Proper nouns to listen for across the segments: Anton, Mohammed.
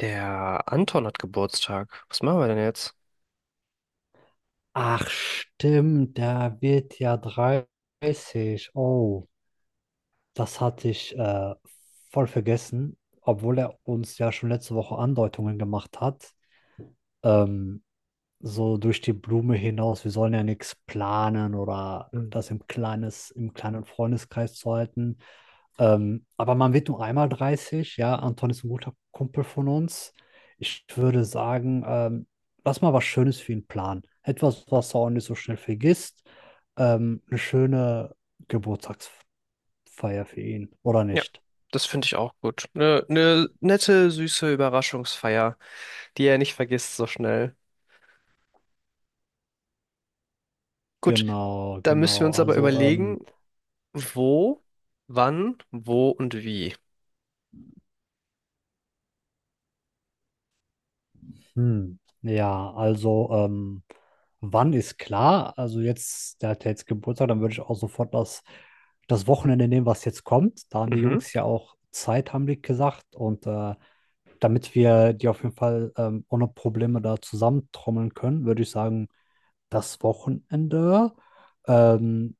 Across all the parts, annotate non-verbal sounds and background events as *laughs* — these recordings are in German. Der Anton hat Geburtstag. Was machen wir denn jetzt? Ach stimmt, der wird ja 30. Oh, das hatte ich voll vergessen, obwohl er uns ja schon letzte Woche Andeutungen gemacht hat. Ähm, so durch die Blume hinaus, wir sollen ja nichts planen oder Hm. das im kleines, im kleinen Freundeskreis zu halten. Aber man wird nur einmal 30, ja. Anton ist ein guter Kumpel von uns. Ich würde sagen, lass mal was Schönes für ihn planen. Etwas, was er auch nicht so schnell vergisst. Eine schöne Geburtstagsfeier für ihn, oder Ja, nicht? das finde ich auch gut. Eine nette, süße Überraschungsfeier, die er nicht vergisst so schnell. Gut, Genau, da müssen wir genau. uns aber Also, überlegen, wo, wann, wo und wie. Ja, also, wann ist klar? Also jetzt, der hat ja jetzt Geburtstag, dann würde ich auch sofort das Wochenende nehmen, was jetzt kommt. Da haben die Mhm, Jungs ja auch Zeit, haben die gesagt. Und damit wir die auf jeden Fall ohne Probleme da zusammentrommeln können, würde ich sagen, das Wochenende. Ähm,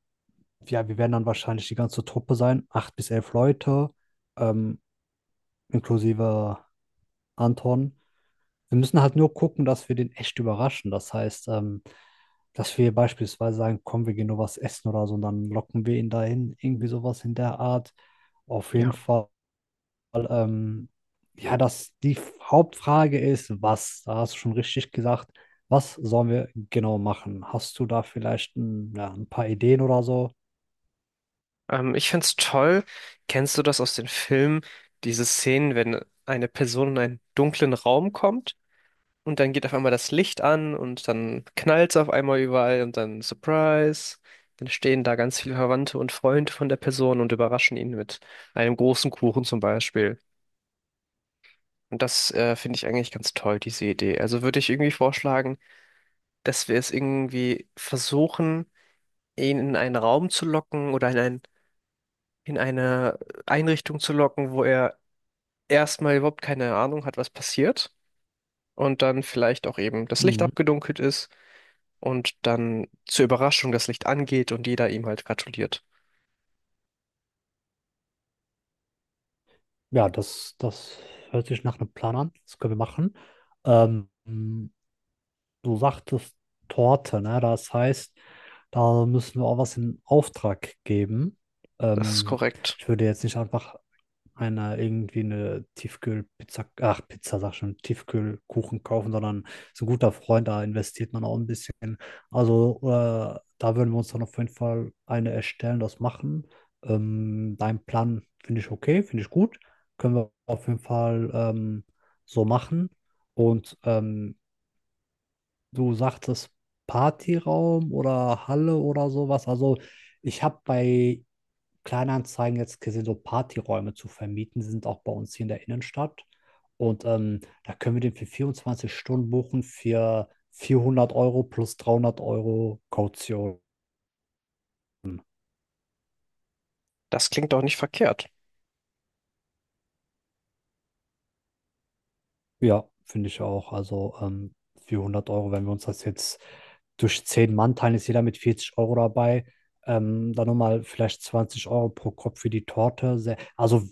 ja, wir werden dann wahrscheinlich die ganze Truppe sein, 8 bis 11 Leute, ähm, inklusive Anton. Wir müssen halt nur gucken, dass wir den echt überraschen. Das heißt, dass wir beispielsweise sagen, komm, wir gehen nur was essen oder so, und dann locken wir ihn dahin, irgendwie sowas in der Art. Auf jeden ja. Fall ähm, ja, dass die Hauptfrage ist, was, da hast du schon richtig gesagt, was sollen wir genau machen? Hast du da vielleicht ein, ja, ein paar Ideen oder so? Ich find's toll. Kennst du das aus den Filmen? Diese Szenen, wenn eine Person in einen dunklen Raum kommt, und dann geht auf einmal das Licht an und dann knallt's auf einmal überall und dann Surprise. Dann stehen da ganz viele Verwandte und Freunde von der Person und überraschen ihn mit einem großen Kuchen zum Beispiel. Und das finde ich eigentlich ganz toll, diese Idee. Also würde ich irgendwie vorschlagen, dass wir es irgendwie versuchen, ihn in einen Raum zu locken oder in ein, in eine Einrichtung zu locken, wo er erstmal überhaupt keine Ahnung hat, was passiert. Und dann vielleicht auch eben das Licht Mhm. abgedunkelt ist und dann zur Überraschung das Licht angeht und jeder ihm halt gratuliert. Ja, das hört sich nach einem Plan an. Das können wir machen. Ähm, Du sagtest Torte, ne? Das heißt, da müssen wir auch was in Auftrag geben. Das ist Ähm, korrekt. Ich würde jetzt nicht einfach einer irgendwie eine Tiefkühlpizza, ach Pizza sag schon, Tiefkühlkuchen kaufen, sondern ist ein guter Freund, da investiert man auch ein bisschen. Also da würden wir uns dann auf jeden Fall eine erstellen, das machen. Dein Plan finde ich okay, finde ich gut. Können wir auf jeden Fall so machen. Und du sagtest Partyraum oder Halle oder sowas. Also ich habe bei Kleinanzeigen jetzt gesehen, so Partyräume zu vermieten. Die sind auch bei uns hier in der Innenstadt. Und da können wir den für 24 Stunden buchen für 400 € plus 300 € Kaution. Das klingt doch nicht verkehrt. Ja, finde ich auch. Also für hundert Euro, wenn wir uns das jetzt durch 10 Mann teilen, ist jeder mit 40 € dabei. Dann nochmal vielleicht 20 € pro Kopf für die Torte. Sehr, also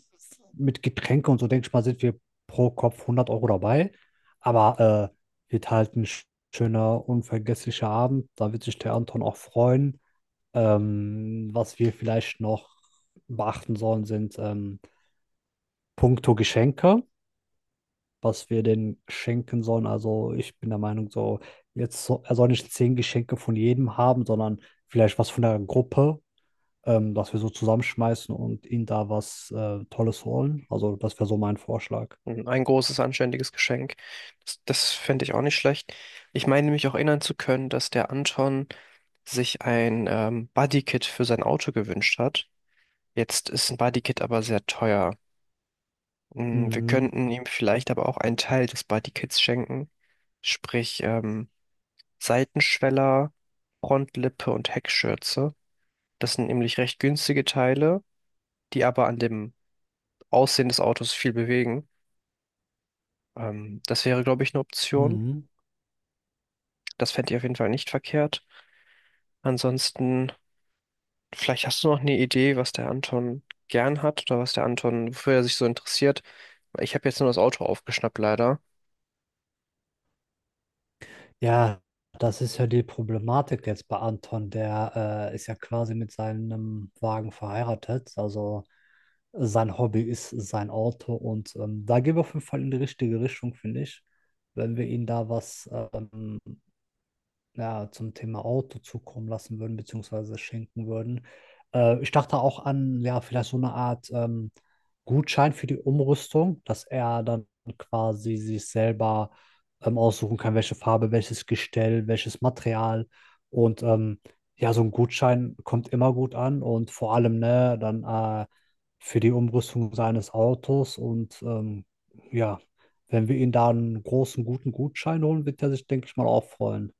mit Getränke und so, denke ich mal, sind wir pro Kopf 100 € dabei. Aber wird halt ein schöner, unvergesslicher Abend. Da wird sich der Anton auch freuen. Was wir vielleicht noch beachten sollen, sind puncto Geschenke, was wir denn schenken sollen. Also ich bin der Meinung, so jetzt so, er soll nicht 10 Geschenke von jedem haben, sondern vielleicht was von der Gruppe, dass wir so zusammenschmeißen und ihnen da was Tolles holen. Also das wäre so mein Vorschlag. Hm, ein großes, anständiges Geschenk. Das fände ich auch nicht schlecht. Ich meine mich auch erinnern zu können, dass der Anton sich ein Bodykit für sein Auto gewünscht hat. Jetzt ist ein Bodykit aber sehr teuer. Mm, wir Mhm. könnten ihm vielleicht aber auch einen Teil des Bodykits schenken, sprich Seitenschweller, Frontlippe und Heckschürze. Das sind nämlich recht günstige Teile, die aber an dem Aussehen des Autos viel bewegen. Das wäre, glaube ich, eine Option. Mhm. Das fände ich auf jeden Fall nicht verkehrt. Ansonsten, vielleicht hast du noch eine Idee, was der Anton gern hat oder was der Anton, wofür er sich so interessiert. Ich habe jetzt nur das Auto aufgeschnappt, leider. Ja, das ist ja die Problematik jetzt bei Anton. Der ist ja quasi mit seinem Wagen verheiratet. Also sein Hobby ist sein Auto und da gehen wir auf jeden Fall in die richtige Richtung, finde ich. Wenn wir ihm da was ja, zum Thema Auto zukommen lassen würden, beziehungsweise schenken würden. Ich dachte auch an, ja, vielleicht so eine Art Gutschein für die Umrüstung, dass er dann quasi sich selber aussuchen kann, welche Farbe, welches Gestell, welches Material. Und ja, so ein Gutschein kommt immer gut an und vor allem, ne, dann für die Umrüstung seines Autos und ja. Wenn wir ihn da einen großen, guten Gutschein holen, wird er sich, denke ich mal, auch freuen.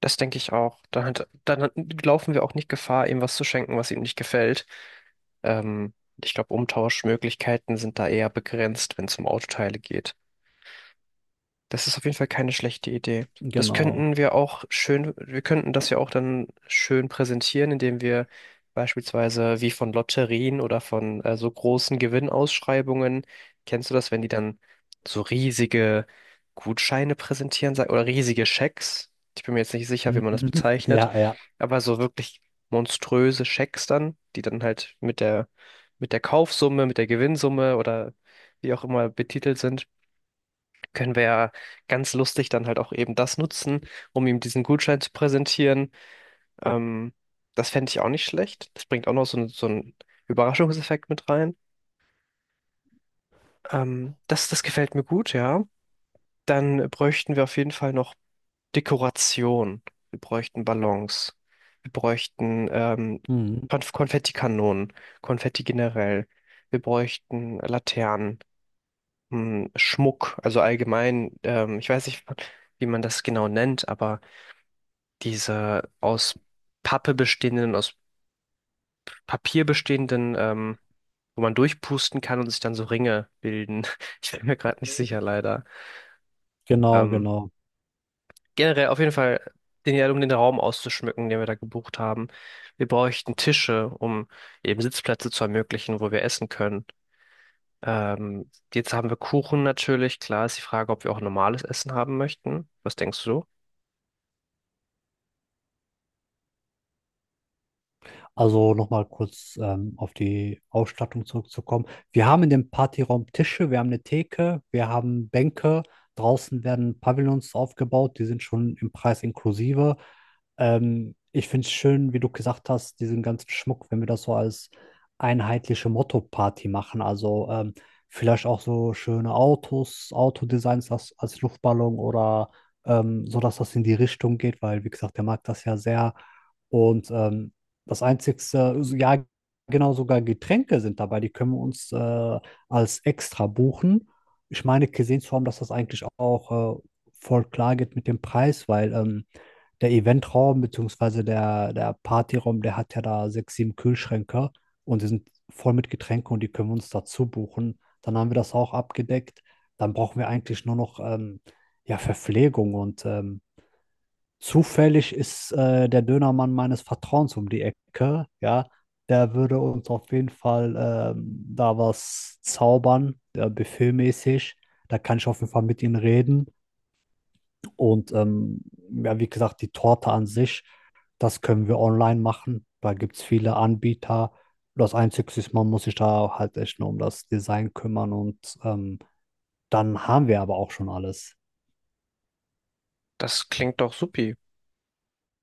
Das denke ich auch. Laufen wir auch nicht Gefahr, ihm was zu schenken, was ihm nicht gefällt. Ähm, ich glaube, Umtauschmöglichkeiten sind da eher begrenzt, wenn es um Autoteile geht. Das ist auf jeden Fall keine schlechte Idee. Das Genau. könnten wir auch schön, wir könnten das ja auch dann schön präsentieren, indem wir beispielsweise wie von Lotterien oder von so großen Gewinnausschreibungen, kennst du das, wenn die dann so riesige Gutscheine oder riesige Schecks? Ich bin mir jetzt nicht sicher, wie Mhm. man das *laughs* bezeichnet, Ja, ja. aber so wirklich monströse Schecks dann, die dann halt mit der Kaufsumme, mit der Gewinnsumme oder wie auch immer betitelt sind, können wir ja ganz lustig dann halt auch eben das nutzen, um ihm diesen Gutschein zu präsentieren. Ähm, das fände ich auch nicht schlecht. Das bringt auch noch so, so einen Überraschungseffekt mit rein. Das gefällt mir gut, ja. Dann bräuchten wir auf jeden Fall noch Dekoration. Wir bräuchten Ballons. Wir bräuchten Mhm. Konfettikanonen, Konfetti generell. Wir bräuchten Laternen, hm, Schmuck, also allgemein. Ich weiß nicht, wie man das genau nennt, aber diese aus Pappe bestehenden, aus Papier bestehenden, wo man durchpusten kann und sich dann so Ringe bilden. *laughs* Ich bin mir gerade nicht sicher, leider. Genau, Ähm, genau. generell auf jeden Fall, den, ja, um den Raum auszuschmücken, den wir da gebucht haben. Wir bräuchten Tische, um eben Sitzplätze zu ermöglichen, wo wir essen können. Ähm, jetzt haben wir Kuchen natürlich. Klar ist die Frage, ob wir auch normales Essen haben möchten. Was denkst du? Also nochmal kurz auf die Ausstattung zurückzukommen. Wir haben in dem Partyraum Tische, wir haben eine Theke, wir haben Bänke. Draußen werden Pavillons aufgebaut, die sind schon im Preis inklusive. Ich finde es schön, wie du gesagt hast, diesen ganzen Schmuck, wenn wir das so als einheitliche Motto-Party machen. Also vielleicht auch so schöne Autos, Autodesigns als Luftballon oder so, dass das in die Richtung geht, weil, wie gesagt, der mag das ja sehr und das einzigste, also, ja, genau, sogar Getränke sind dabei, die können wir uns als extra buchen. Ich meine, gesehen zu haben, dass das eigentlich auch voll klar geht mit dem Preis, weil der Eventraum bzw. der Partyraum, der hat ja da sechs, sieben Kühlschränke und die sind voll mit Getränken und die können wir uns dazu buchen. Dann haben wir das auch abgedeckt. Dann brauchen wir eigentlich nur noch ja, Verpflegung und zufällig ist der Dönermann meines Vertrauens um die Ecke, ja. Der würde uns auf jeden Fall ähm, da was zaubern, buffetmäßig. Da kann ich auf jeden Fall mit ihnen reden. Und ja, wie gesagt, die Torte an sich, das können wir online machen. Da gibt es viele Anbieter. Das Einzige ist, man muss sich da halt echt nur um das Design kümmern und dann haben wir aber auch schon alles. Das klingt doch supi.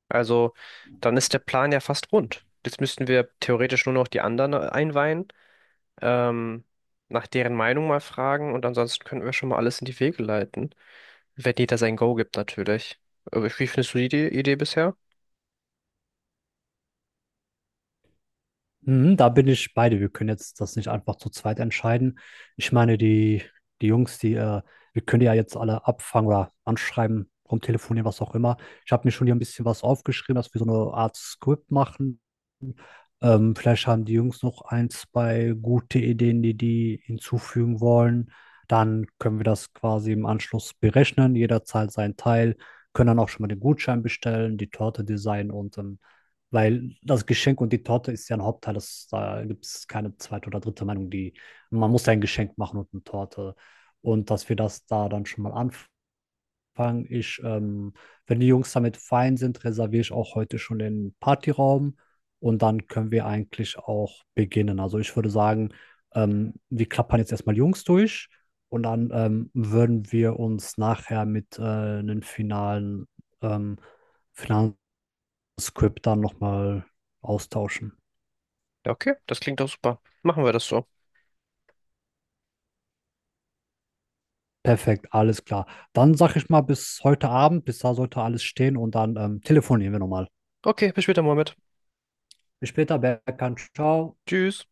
Also dann ist der Plan ja fast rund. Jetzt müssten wir theoretisch nur noch die anderen einweihen, ähm, nach deren Meinung mal fragen und ansonsten könnten wir schon mal alles in die Wege leiten, wenn jeder sein Go gibt natürlich. Aber wie findest du die Idee bisher? Mhm, da bin ich bei dir. Wir können jetzt das nicht einfach zu zweit entscheiden. Ich meine, die, die Jungs, die, wir können die ja jetzt alle abfangen oder anschreiben, rumtelefonieren, was auch immer. Ich habe mir schon hier ein bisschen was aufgeschrieben, dass wir so eine Art Skript machen, vielleicht haben die Jungs noch ein, zwei gute Ideen, die die hinzufügen wollen. Dann können wir das quasi im Anschluss berechnen. Jeder zahlt seinen Teil, können dann auch schon mal den Gutschein bestellen, die Torte designen und weil das Geschenk und die Torte ist ja ein Hauptteil, das, da gibt es keine zweite oder dritte Meinung, die man muss ja ein Geschenk machen und eine Torte. Und dass wir das da dann schon mal anf fange ich, wenn die Jungs damit fein sind, reserviere ich auch heute schon den Partyraum und dann können wir eigentlich auch beginnen. Also ich würde sagen, wir klappern jetzt erstmal Jungs durch und dann würden wir uns nachher mit einem finalen, ähm, finalen Skript dann nochmal austauschen. Ja, okay, das klingt doch super. Machen wir das so. Perfekt, alles klar. Dann sage ich mal bis heute Abend, bis da sollte alles stehen und dann telefonieren wir nochmal. Okay, bis später, Mohammed. Bis später, Berkan, ciao. Tschüss.